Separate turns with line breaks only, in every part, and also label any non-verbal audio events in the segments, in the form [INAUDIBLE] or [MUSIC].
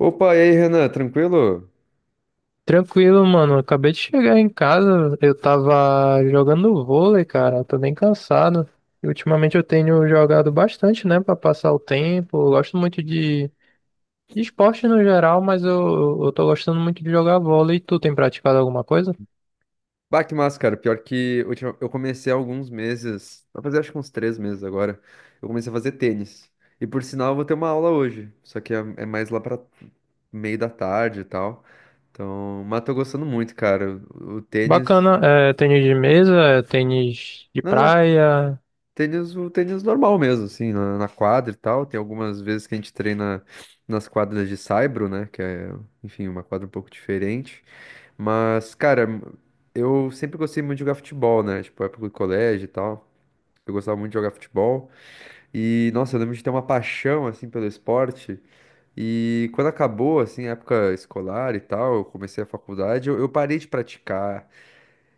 Opa, e aí, Renan, tranquilo?
Tranquilo, mano. Acabei de chegar em casa. Eu tava jogando vôlei, cara. Eu tô bem cansado. E ultimamente eu tenho jogado bastante, né, pra passar o tempo. Eu gosto muito de esporte no geral, mas eu tô gostando muito de jogar vôlei. Tu tem praticado alguma coisa?
Bah, que massa, cara. Eu comecei há alguns meses, vai fazer acho que uns três meses agora, eu comecei a fazer tênis. E por sinal, eu vou ter uma aula hoje, só que é mais lá pra meio da tarde e tal. Então, mas tô gostando muito, cara. O tênis.
Bacana. É, tênis de mesa, é, tênis de
Não, não,
praia.
tênis, o tênis normal mesmo, assim, na quadra e tal. Tem algumas vezes que a gente treina nas quadras de saibro, né? Que é, enfim, uma quadra um pouco diferente. Mas, cara, eu sempre gostei muito de jogar futebol, né? Tipo, época do colégio e tal. Eu gostava muito de jogar futebol. E, nossa, eu lembro de ter uma paixão, assim, pelo esporte. E quando acabou, assim, a época escolar e tal, eu comecei a faculdade, eu parei de praticar.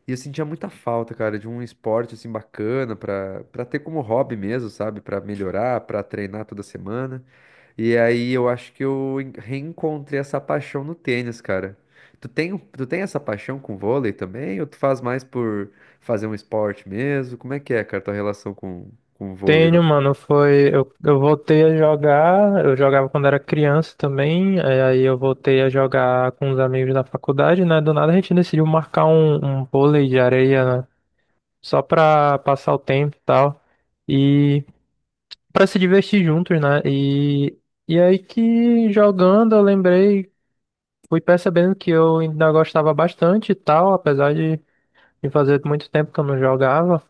E eu sentia muita falta, cara, de um esporte assim bacana pra para ter como hobby mesmo, sabe? Pra melhorar, pra treinar toda semana. E aí eu acho que reencontrei essa paixão no tênis, cara. Tu tem, tu tem essa paixão com vôlei também? Ou tu faz mais por fazer um esporte mesmo? Como é que é, cara, tua relação com o vôlei, né?
Tenho, mano, foi. Eu voltei a jogar, eu jogava quando era criança também, é, aí eu voltei a jogar com os amigos da faculdade, né? Do nada a gente decidiu marcar um vôlei de areia, né? Só pra passar o tempo e tal. E pra se divertir juntos, né? E aí que jogando eu lembrei, fui percebendo que eu ainda gostava bastante e tal, apesar de fazer muito tempo que eu não jogava.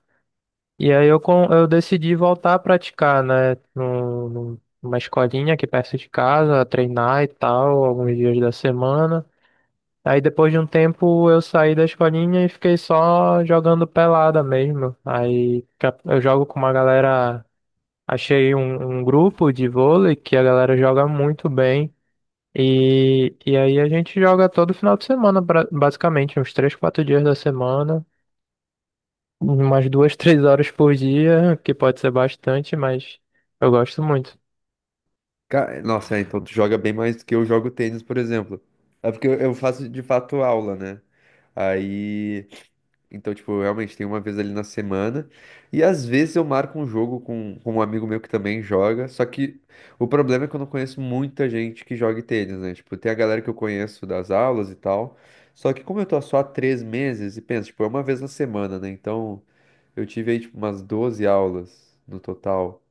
E aí eu, eu decidi voltar a praticar, né? Numa escolinha aqui perto de casa, treinar e tal, alguns dias da semana. Aí depois de um tempo eu saí da escolinha e fiquei só jogando pelada mesmo. Aí eu jogo com uma galera, achei um grupo de vôlei que a galera joga muito bem. E aí a gente joga todo final de semana, basicamente, uns 3, 4 dias da semana. Umas duas, [LAUGHS] 3 horas por dia, que pode ser bastante, mas eu gosto muito.
Nossa, é, então tu joga bem mais do que eu jogo tênis, por exemplo. É porque eu faço de fato aula, né? Aí. Então, tipo, realmente tem uma vez ali na semana. E às vezes eu marco um jogo com um amigo meu que também joga. Só que o problema é que eu não conheço muita gente que jogue tênis, né? Tipo, tem a galera que eu conheço das aulas e tal. Só que como eu tô só há três meses, e pensa, tipo, é uma vez na semana, né? Então eu tive aí, tipo, umas 12 aulas no total.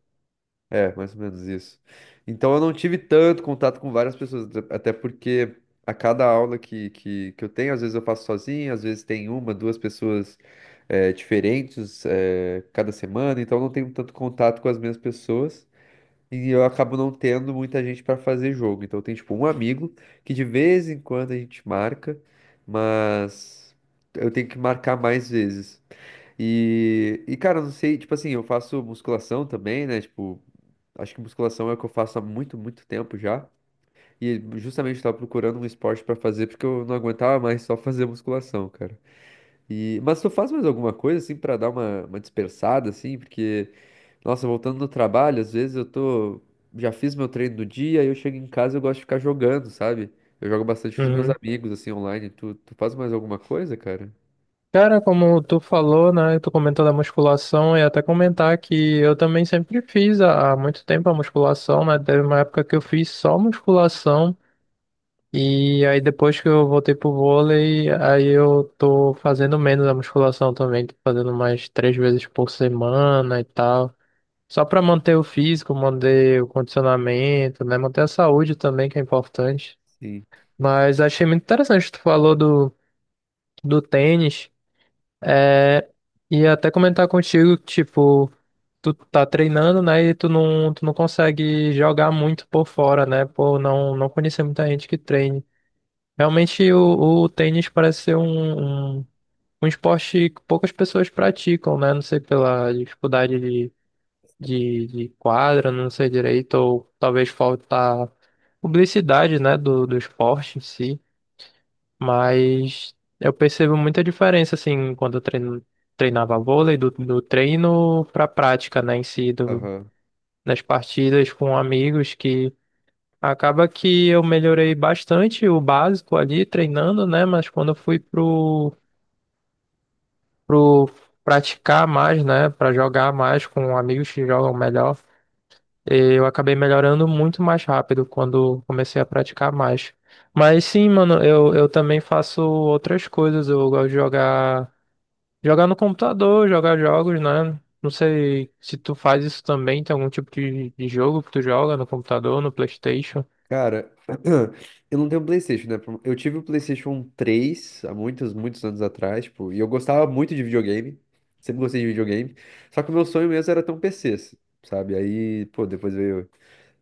É, mais ou menos isso. Então eu não tive tanto contato com várias pessoas, até porque a cada aula que eu tenho, às vezes eu faço sozinho, às vezes tem uma, duas pessoas diferentes, cada semana, então eu não tenho tanto contato com as mesmas pessoas e eu acabo não tendo muita gente para fazer jogo. Então tem tipo um amigo que de vez em quando a gente marca, mas eu tenho que marcar mais vezes. E cara, eu não sei, tipo assim, eu faço musculação também, né? Tipo. Acho que musculação é o que eu faço há muito, muito tempo já. E justamente estava procurando um esporte para fazer porque eu não aguentava mais só fazer musculação, cara. Mas tu faz mais alguma coisa assim para dar uma dispersada assim, porque nossa, voltando no trabalho, às vezes eu tô já fiz meu treino do dia, aí eu chego em casa e eu gosto de ficar jogando, sabe? Eu jogo bastante com os meus
Uhum.
amigos assim online. Tu faz mais alguma coisa, cara?
Cara, como tu falou, né? Tu comentou da musculação e até comentar que eu também sempre fiz há muito tempo a musculação, né? Teve uma época que eu fiz só musculação e aí depois que eu voltei pro vôlei, aí eu tô fazendo menos a musculação também, tô fazendo mais 3 vezes por semana e tal. Só pra manter o físico, manter o condicionamento, né? Manter a saúde também, que é importante.
Sim.
Mas achei muito interessante, tu falou do tênis. É, e até comentar contigo, tipo, tu tá treinando, né? E tu não consegue jogar muito por fora, né? Por não, não conhecer muita gente que treine. Realmente o tênis parece ser um esporte que poucas pessoas praticam, né? Não sei pela dificuldade de quadra, não sei direito, ou talvez falta publicidade, né? Do esporte em si. Mas eu percebo muita diferença, assim, quando eu treino, treinava vôlei, do treino pra prática, né, em si, do,
Aham.
das partidas com amigos, que acaba que eu melhorei bastante o básico ali, treinando, né, mas quando eu fui pro, pro praticar mais, né, pra jogar mais com amigos que jogam melhor, eu acabei melhorando muito mais rápido quando comecei a praticar mais. Mas sim, mano, eu também faço outras coisas, eu gosto de jogar. Jogar no computador, jogar jogos, né? Não sei se tu faz isso também, tem algum tipo de jogo que tu joga no computador, no PlayStation.
Cara, [CLEARS THROAT] eu não tenho PlayStation, né? Eu tive o PlayStation 3 há muitos, muitos anos atrás, tipo, e eu gostava muito de videogame. Sempre gostei de videogame. Só que o meu sonho mesmo era ter um PC, sabe? Aí, pô,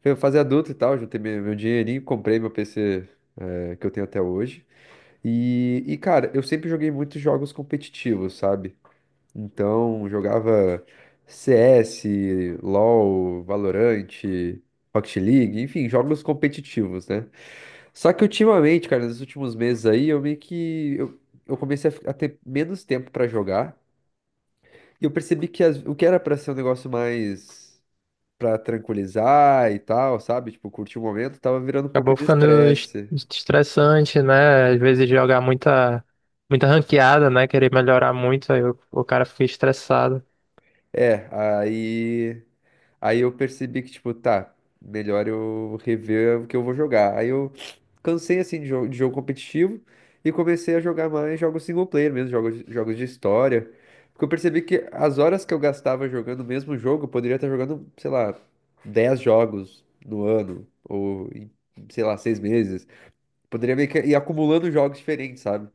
veio fazer adulto e tal, juntei meu dinheirinho, comprei meu PC, que eu tenho até hoje. E cara, eu sempre joguei muitos jogos competitivos, sabe? Então, jogava CS, LoL, Valorant, Rocket League, enfim, jogos competitivos, né? Só que ultimamente, cara, nos últimos meses aí, eu meio que eu comecei a ter menos tempo pra jogar e eu percebi que o que era pra ser um negócio mais pra tranquilizar e tal, sabe? Tipo, curtir o momento, tava virando um pouco
Acabou
de
ficando
estresse.
estressante, né? Às vezes jogar muita, muita ranqueada, né? Querer melhorar muito, aí o cara fica estressado.
É, aí. Aí eu percebi que, tipo, tá, melhor eu rever o que eu vou jogar. Aí eu cansei, assim, de jogo competitivo e comecei a jogar mais jogos single player mesmo, jogos de história. Porque eu percebi que as horas que eu gastava jogando o mesmo jogo, eu poderia estar jogando, sei lá, 10 jogos no ano, sei lá, 6 meses. Poderia meio que ir acumulando jogos diferentes, sabe?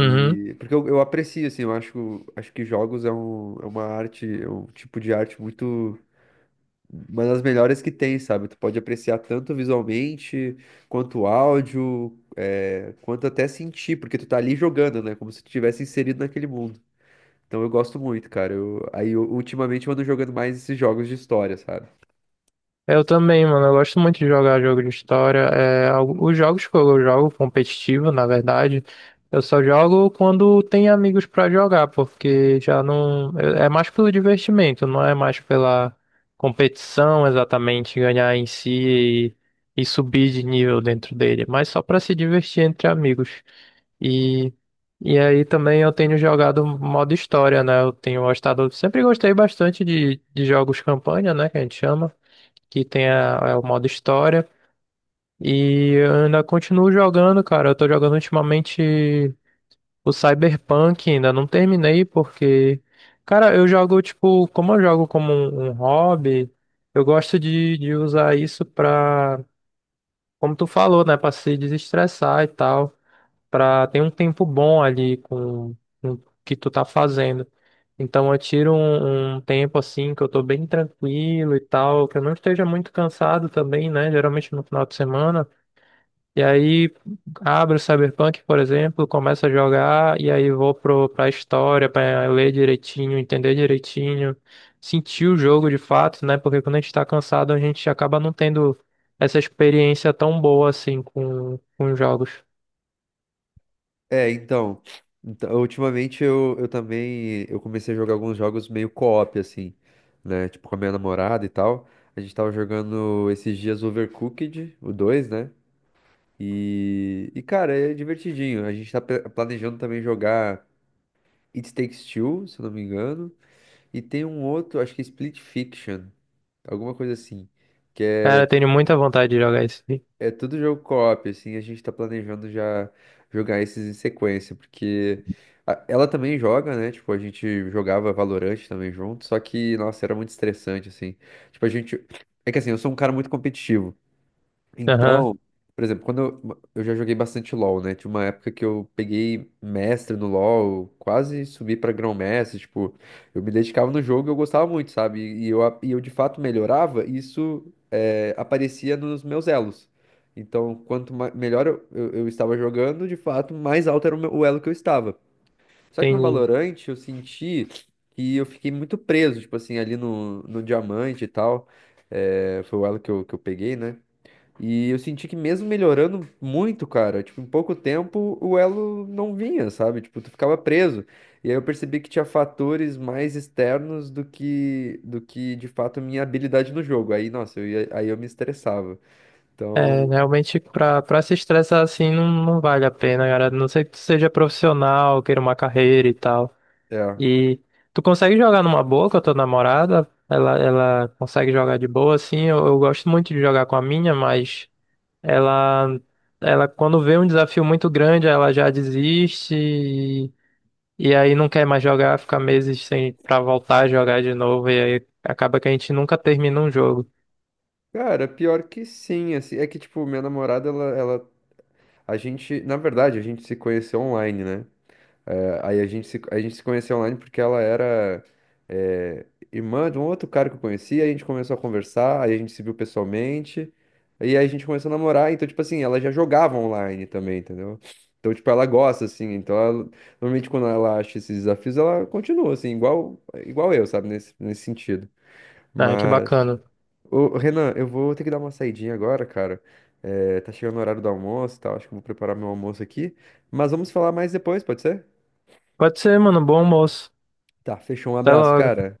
Uhum.
porque eu aprecio, assim, acho que jogos é uma arte, é um tipo de arte muito. Uma das melhores que tem, sabe? Tu pode apreciar tanto visualmente, quanto áudio, é, quanto até sentir, porque tu tá ali jogando, né? Como se tu tivesse inserido naquele mundo. Então eu gosto muito, cara. Ultimamente eu ando jogando mais esses jogos de história, sabe?
Eu também, mano. Eu gosto muito de jogar jogo de história. É, os jogos que eu jogo competitivo, na verdade, eu só jogo quando tem amigos pra jogar, porque já não. É é mais pelo divertimento, não é mais pela competição exatamente, ganhar em si e subir de nível dentro dele, mas só pra se divertir entre amigos. E, e aí também eu tenho jogado modo história, né? Eu tenho gostado, sempre gostei bastante de jogos campanha, né? Que a gente chama que tem é o modo história. E eu ainda continuo jogando, cara. Eu tô jogando ultimamente o Cyberpunk, ainda não terminei, porque, cara, eu jogo, tipo, como eu jogo como um hobby, eu gosto de usar isso pra, como tu falou, né, pra se desestressar e tal para ter um tempo bom ali com o que tu tá fazendo. Então eu tiro um tempo assim que eu tô bem tranquilo e tal, que eu não esteja muito cansado também, né? Geralmente no final de semana. E aí abro o Cyberpunk, por exemplo, começo a jogar e aí vou pro, pra história, pra ler direitinho, entender direitinho, sentir o jogo de fato, né? Porque quando a gente tá cansado, a gente acaba não tendo essa experiência tão boa assim com os jogos.
É, então, então, ultimamente eu também eu comecei a jogar alguns jogos meio co-op, assim, né? Tipo, com a minha namorada e tal. A gente tava jogando esses dias Overcooked, o 2, né? E cara, é divertidinho. A gente tá planejando também jogar It Takes Two, se eu não me engano. E tem um outro, acho que é Split Fiction, alguma coisa assim.
Cara, eu tenho muita vontade de jogar isso aí.
É tudo jogo co-op, assim, a gente tá planejando já jogar esses em sequência, porque ela também joga, né? Tipo, a gente jogava Valorant também junto, só que, nossa, era muito estressante, assim. Tipo, a gente. É que assim, eu sou um cara muito competitivo.
Aham,
Então, por exemplo, quando eu já joguei bastante LoL, né? Tinha uma época que eu peguei mestre no LoL, quase subi pra grão-mestre, tipo, eu me dedicava no jogo e eu gostava muito, sabe? E e eu de fato melhorava, e isso é, aparecia nos meus elos. Então, quanto melhor eu estava jogando, de fato, mais alto era o elo que eu estava. Só que no
entendi.
Valorant eu senti que eu fiquei muito preso, tipo assim, ali no diamante e tal. É, foi o elo que eu peguei, né? E eu senti que mesmo melhorando muito, cara, tipo, em pouco tempo o elo não vinha, sabe? Tipo, tu ficava preso. E aí eu percebi que tinha fatores mais externos do que de fato minha habilidade no jogo. Aí, nossa, aí eu me estressava.
É,
Então,
realmente, pra, pra se estressar assim, não, não vale a pena, cara. A não ser que tu seja profissional, queira uma carreira e tal.
é.
E tu consegue jogar numa boa com a tua namorada? Ela consegue jogar de boa, assim. Eu gosto muito de jogar com a minha, mas ela, ela quando vê um desafio muito grande, ela já desiste e aí não quer mais jogar, fica meses sem pra voltar a jogar de novo. E aí acaba que a gente nunca termina um jogo.
Cara, pior que sim, assim, é que tipo, minha namorada ela, a gente se conheceu online, né? Aí a gente se conheceu online porque ela era eh, irmã de um outro cara que eu conheci, aí a gente começou a conversar, aí a gente se viu pessoalmente, e aí a gente começou a namorar, então, tipo assim, ela já jogava online também, entendeu? Então, tipo, ela gosta, assim, então normalmente quando ela acha esses desafios, ela continua, assim, igual eu, sabe, nesse sentido.
Ah, que
Mas,
bacana.
ô, Renan, eu vou ter que dar uma saidinha agora, cara. Tá chegando o horário do almoço e tal, acho que eu vou preparar meu almoço aqui. Mas vamos falar mais depois, pode ser?
Pode ser, mano. Bom almoço.
Tá, fechou. Um
Até
abraço,
logo.
cara.